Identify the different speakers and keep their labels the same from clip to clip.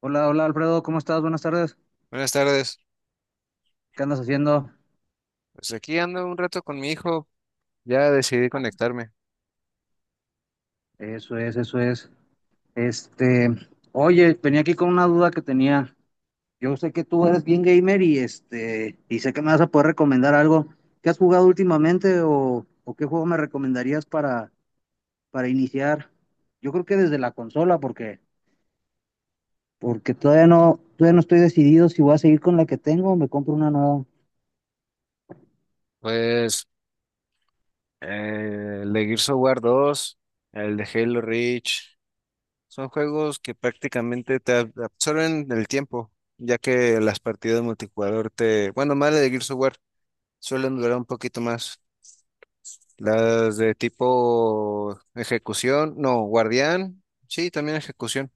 Speaker 1: Hola, hola Alfredo, ¿cómo estás? Buenas tardes.
Speaker 2: Buenas tardes.
Speaker 1: ¿Qué andas haciendo?
Speaker 2: Pues aquí ando un rato con mi hijo. Ya decidí conectarme.
Speaker 1: Eso es, eso es. Este, oye, venía aquí con una duda que tenía. Yo sé que tú eres bien gamer y y sé que me vas a poder recomendar algo. ¿Qué has jugado últimamente o qué juego me recomendarías para iniciar? Yo creo que desde la consola, porque todavía no estoy decidido si voy a seguir con la que tengo o me compro una nueva.
Speaker 2: Pues el de Gears of War 2, el de Halo Reach, son juegos que prácticamente te absorben el tiempo, ya que las partidas multijugador bueno, más la de Gears of War suelen durar un poquito más. Las de tipo ejecución, no, guardián, sí, también ejecución.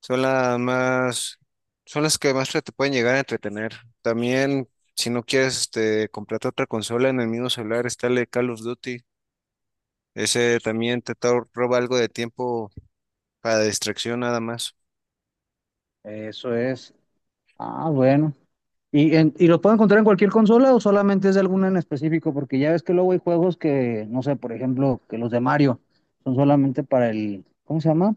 Speaker 2: Son las más, son las que más te pueden llegar a entretener. También, si no quieres, comprarte otra consola en el mismo celular, está el de Call of Duty. Ese también te roba algo de tiempo para distracción nada más.
Speaker 1: Eso es. Ah, bueno. ¿Y, y lo puedo encontrar en cualquier consola o solamente es de alguna en específico? Porque ya ves que luego hay juegos que, no sé, por ejemplo, que los de Mario son solamente para el, ¿cómo se llama?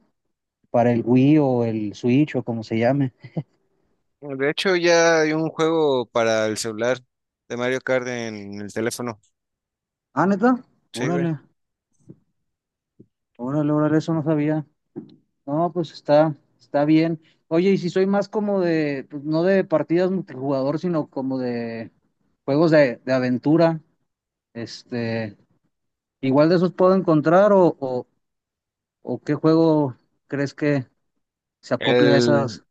Speaker 1: Para el Wii o el Switch o como se llame.
Speaker 2: De hecho, ya hay un juego para el celular de Mario Kart en el teléfono.
Speaker 1: Ah, neta,
Speaker 2: Sí, güey.
Speaker 1: órale, órale, eso no sabía. No, pues está bien. Oye, y si soy más como de, pues, no de partidas multijugador, sino como de juegos de aventura, este, igual de esos puedo encontrar o qué juego crees que se acople a
Speaker 2: El,
Speaker 1: esas.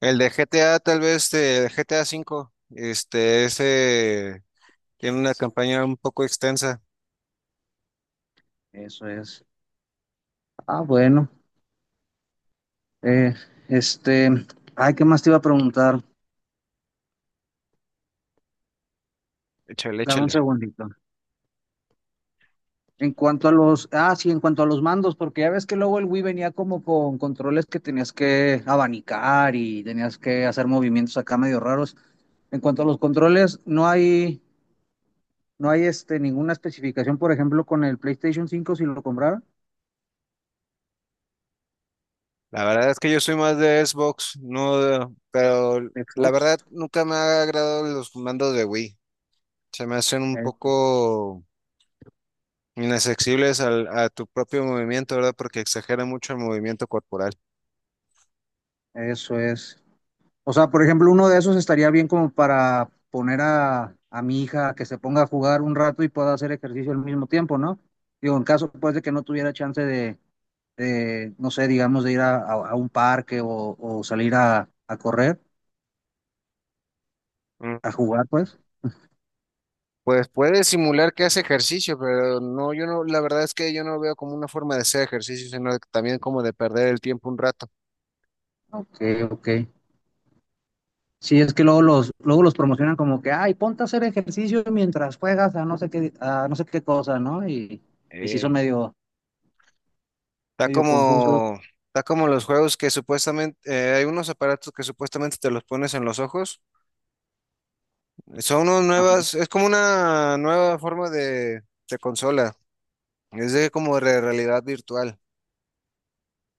Speaker 2: el de GTA, tal vez, de GTA cinco ese tiene una campaña un poco extensa.
Speaker 1: Eso es. Ah, bueno. Eh, este, ay, ¿qué más te iba a preguntar?
Speaker 2: Échale,
Speaker 1: Dame un
Speaker 2: échale.
Speaker 1: segundito. En cuanto a los, ah, sí, en cuanto a los mandos, porque ya ves que luego el Wii venía como con controles que tenías que abanicar y tenías que hacer movimientos acá medio raros. En cuanto a los controles, no hay ninguna especificación, por ejemplo, con el PlayStation cinco si lo comprara,
Speaker 2: La verdad es que yo soy más de Xbox, no, pero la
Speaker 1: Xbox.
Speaker 2: verdad nunca me ha agradado los mandos de Wii. Se me hacen un
Speaker 1: Eh,
Speaker 2: poco inaccesibles a tu propio movimiento, ¿verdad? Porque exagera mucho el movimiento corporal.
Speaker 1: eso es. O sea, por ejemplo, uno de esos estaría bien como para poner a mi hija a que se ponga a jugar un rato y pueda hacer ejercicio al mismo tiempo, ¿no? Digo, en caso pues de que no tuviera chance no sé, digamos, de ir a un parque o salir a correr, a jugar, pues.
Speaker 2: Pues puede simular que hace ejercicio, pero no, yo no, la verdad es que yo no lo veo como una forma de hacer ejercicio, sino también como de perder el tiempo un rato.
Speaker 1: Ok, ok. Sí, es que luego los promocionan como que, ay, ponte a hacer ejercicio mientras juegas a no sé qué, a no sé qué cosa, ¿no? Y sí son
Speaker 2: Eh,
Speaker 1: medio,
Speaker 2: Está
Speaker 1: medio confusos.
Speaker 2: como, está como los juegos que supuestamente, hay unos aparatos que supuestamente te los pones en los ojos.
Speaker 1: Ajá.
Speaker 2: Es como una nueva forma de consola, es de como de realidad virtual.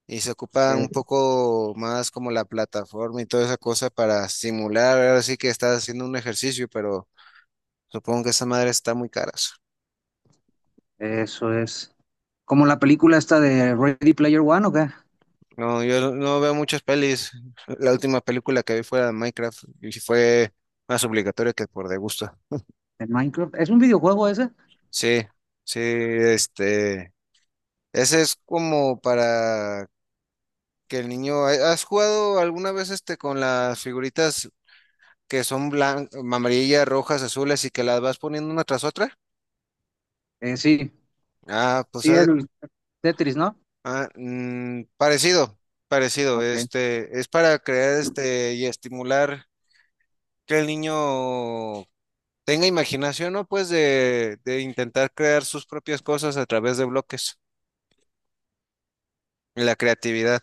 Speaker 2: Y se ocupa un
Speaker 1: Eh,
Speaker 2: poco más como la plataforma y toda esa cosa para simular. Ahora sí que estás haciendo un ejercicio, pero supongo que esa madre está muy cara.
Speaker 1: eso es. Como la película esta de Ready Player One, ¿o qué?
Speaker 2: No, yo no veo muchas pelis. La última película que vi fue la de Minecraft y sí fue más obligatoria que por de gusto.
Speaker 1: De Minecraft. ¿Es un videojuego ese?
Speaker 2: Sí, sí, ese es como para que el niño. ¿Has jugado alguna vez con las figuritas que son blancas, amarillas, rojas, azules y que las vas poniendo una tras otra?
Speaker 1: Sí.
Speaker 2: Ah, pues
Speaker 1: Sí,
Speaker 2: haz de.
Speaker 1: el Tetris, ¿no?
Speaker 2: Ah, parecido, parecido.
Speaker 1: Ok.
Speaker 2: Es para crear y estimular que el niño tenga imaginación, ¿no? Pues de intentar crear sus propias cosas a través de bloques. La creatividad.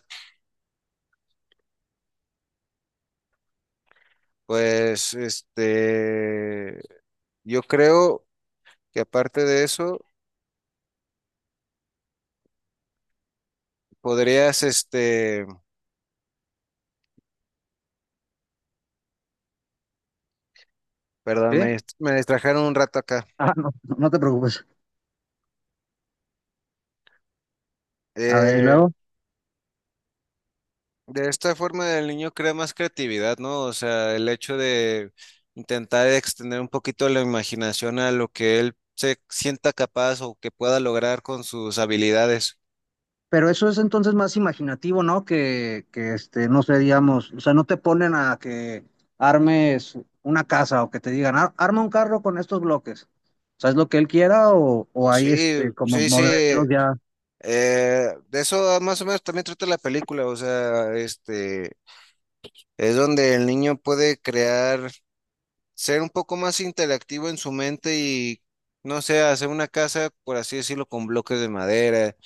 Speaker 2: Pues, yo creo que aparte de eso, podrías, perdón,
Speaker 1: ¿Sí?
Speaker 2: me distrajeron un rato acá.
Speaker 1: Ah, no, no te preocupes. A ver, y
Speaker 2: Eh,
Speaker 1: luego.
Speaker 2: De esta forma el niño crea más creatividad, ¿no? O sea, el hecho de intentar extender un poquito la imaginación a lo que él se sienta capaz o que pueda lograr con sus habilidades.
Speaker 1: Pero eso es entonces más imaginativo, ¿no? Que no sé, digamos, o sea, no te ponen a que armes una casa o que te digan, arma un carro con estos bloques. O sea, es lo que él quiera o hay
Speaker 2: Sí,
Speaker 1: como
Speaker 2: sí, sí.
Speaker 1: modelos
Speaker 2: eh,
Speaker 1: ya.
Speaker 2: de eso más o menos también trata la película, o sea, es donde el niño puede crear ser un poco más interactivo en su mente y, no sé, hacer una casa, por así decirlo, con bloques de madera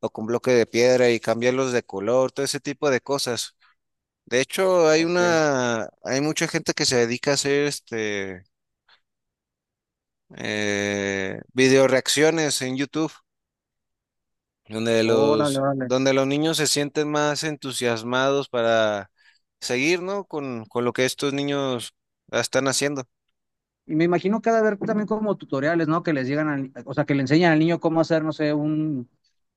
Speaker 2: o con bloques de piedra y cambiarlos de color, todo ese tipo de cosas. De hecho,
Speaker 1: Ok.
Speaker 2: hay mucha gente que se dedica a hacer video reacciones en YouTube, donde
Speaker 1: Órale,
Speaker 2: los,
Speaker 1: vale.
Speaker 2: donde los niños se sienten más entusiasmados para seguir, ¿no? Con lo que estos niños están haciendo.
Speaker 1: Y me imagino que ha de haber también como tutoriales, ¿no? Que les llegan al, o sea, que le enseñan al niño cómo hacer, no sé,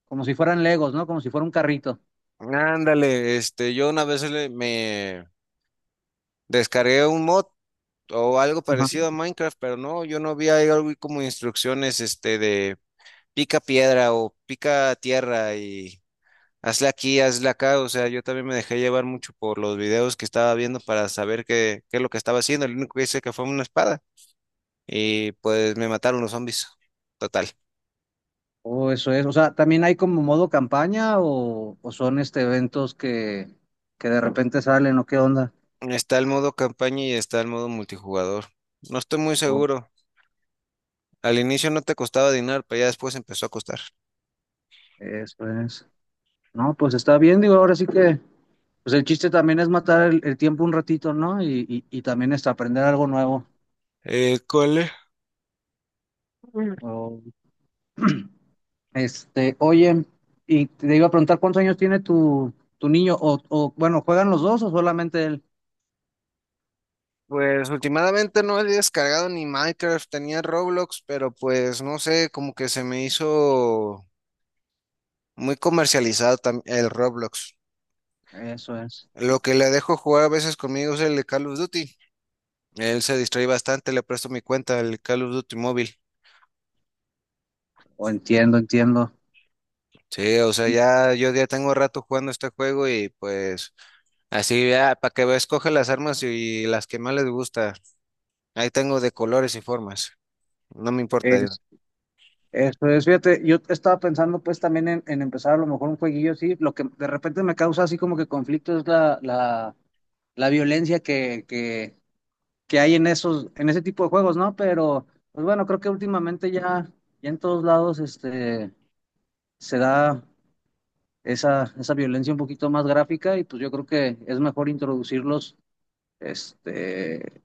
Speaker 1: como si fueran Legos, ¿no? Como si fuera un carrito.
Speaker 2: Ándale, yo una vez descargué un mod o algo
Speaker 1: Ajá.
Speaker 2: parecido a Minecraft, pero no, yo no vi ahí algo como instrucciones de pica piedra o pica tierra y hazle aquí, hazle acá. O sea, yo también me dejé llevar mucho por los videos que estaba viendo para saber qué es lo que estaba haciendo. El único que hice que fue una espada y pues me mataron los zombies. Total.
Speaker 1: O eso es, o sea, también hay como modo campaña o son este, eventos que de repente salen o qué onda.
Speaker 2: Está el modo campaña y está el modo multijugador. No estoy muy
Speaker 1: O-
Speaker 2: seguro. Al inicio no te costaba dinero, pero ya después empezó a costar.
Speaker 1: Eso es. No, pues está bien, digo, pues el chiste también es matar el tiempo un ratito, ¿no? Y también es aprender algo nuevo.
Speaker 2: ¿Cuál es?
Speaker 1: Oh. Oye, y te iba a preguntar cuántos años tiene tu niño, o bueno, ¿juegan los dos o solamente él?
Speaker 2: Pues últimamente no he descargado ni Minecraft, tenía Roblox, pero pues no sé, como que se me hizo muy comercializado el Roblox.
Speaker 1: Eso es,
Speaker 2: Lo que le dejo jugar a veces conmigo es el de Call of Duty. Él se distrae bastante, le presto mi cuenta, el Call of Duty móvil.
Speaker 1: o entiendo, entiendo.
Speaker 2: Sí, o sea, ya yo ya tengo rato jugando este juego y pues así ya, para que veas, escoge las armas y las que más les gusta. Ahí tengo de colores y formas. No me importa.
Speaker 1: Es, eso es, fíjate, yo estaba pensando pues también en empezar a lo mejor un jueguillo así, lo que de repente me causa así como que conflicto es la violencia que hay en esos, en ese tipo de juegos, ¿no? Pero, pues bueno, creo que ya en todos lados, se da esa violencia un poquito más gráfica y pues yo creo que es mejor introducirlos este,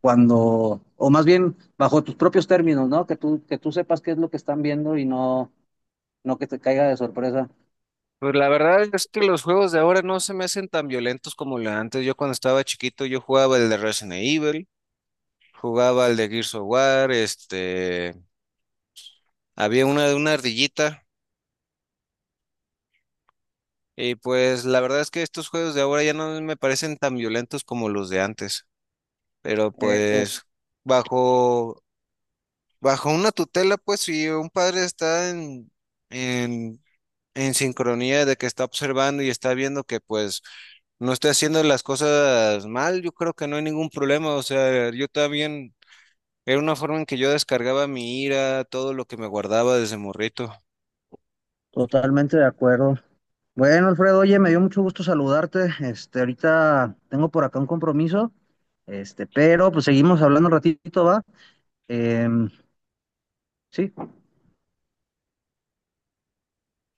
Speaker 1: cuando, o más bien bajo tus propios términos, ¿no? Que que tú sepas qué es lo que están viendo y no que te caiga de sorpresa.
Speaker 2: Pues la verdad es que los juegos de ahora no se me hacen tan violentos como lo de antes. Yo cuando estaba chiquito yo jugaba el de Resident Evil, jugaba el de Gears of War, este, había una de una ardillita y pues la verdad es que estos juegos de ahora ya no me parecen tan violentos como los de antes. Pero
Speaker 1: Eh, to-
Speaker 2: pues bajo bajo una tutela, pues si un padre está en en sincronía de que está observando y está viendo que pues no estoy haciendo las cosas mal, yo creo que no hay ningún problema. O sea, yo también era una forma en que yo descargaba mi ira, todo lo que me guardaba desde morrito.
Speaker 1: totalmente de acuerdo. Bueno, Alfredo, oye, me dio mucho gusto saludarte. Ahorita tengo por acá un compromiso, pero pues seguimos hablando un ratito, ¿va? Em, sí,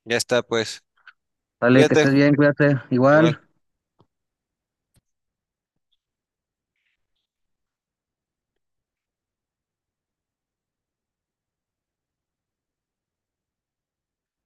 Speaker 2: Ya está, pues.
Speaker 1: vale, que
Speaker 2: Cuídate.
Speaker 1: estés bien, cuídate,
Speaker 2: Igual.
Speaker 1: igual.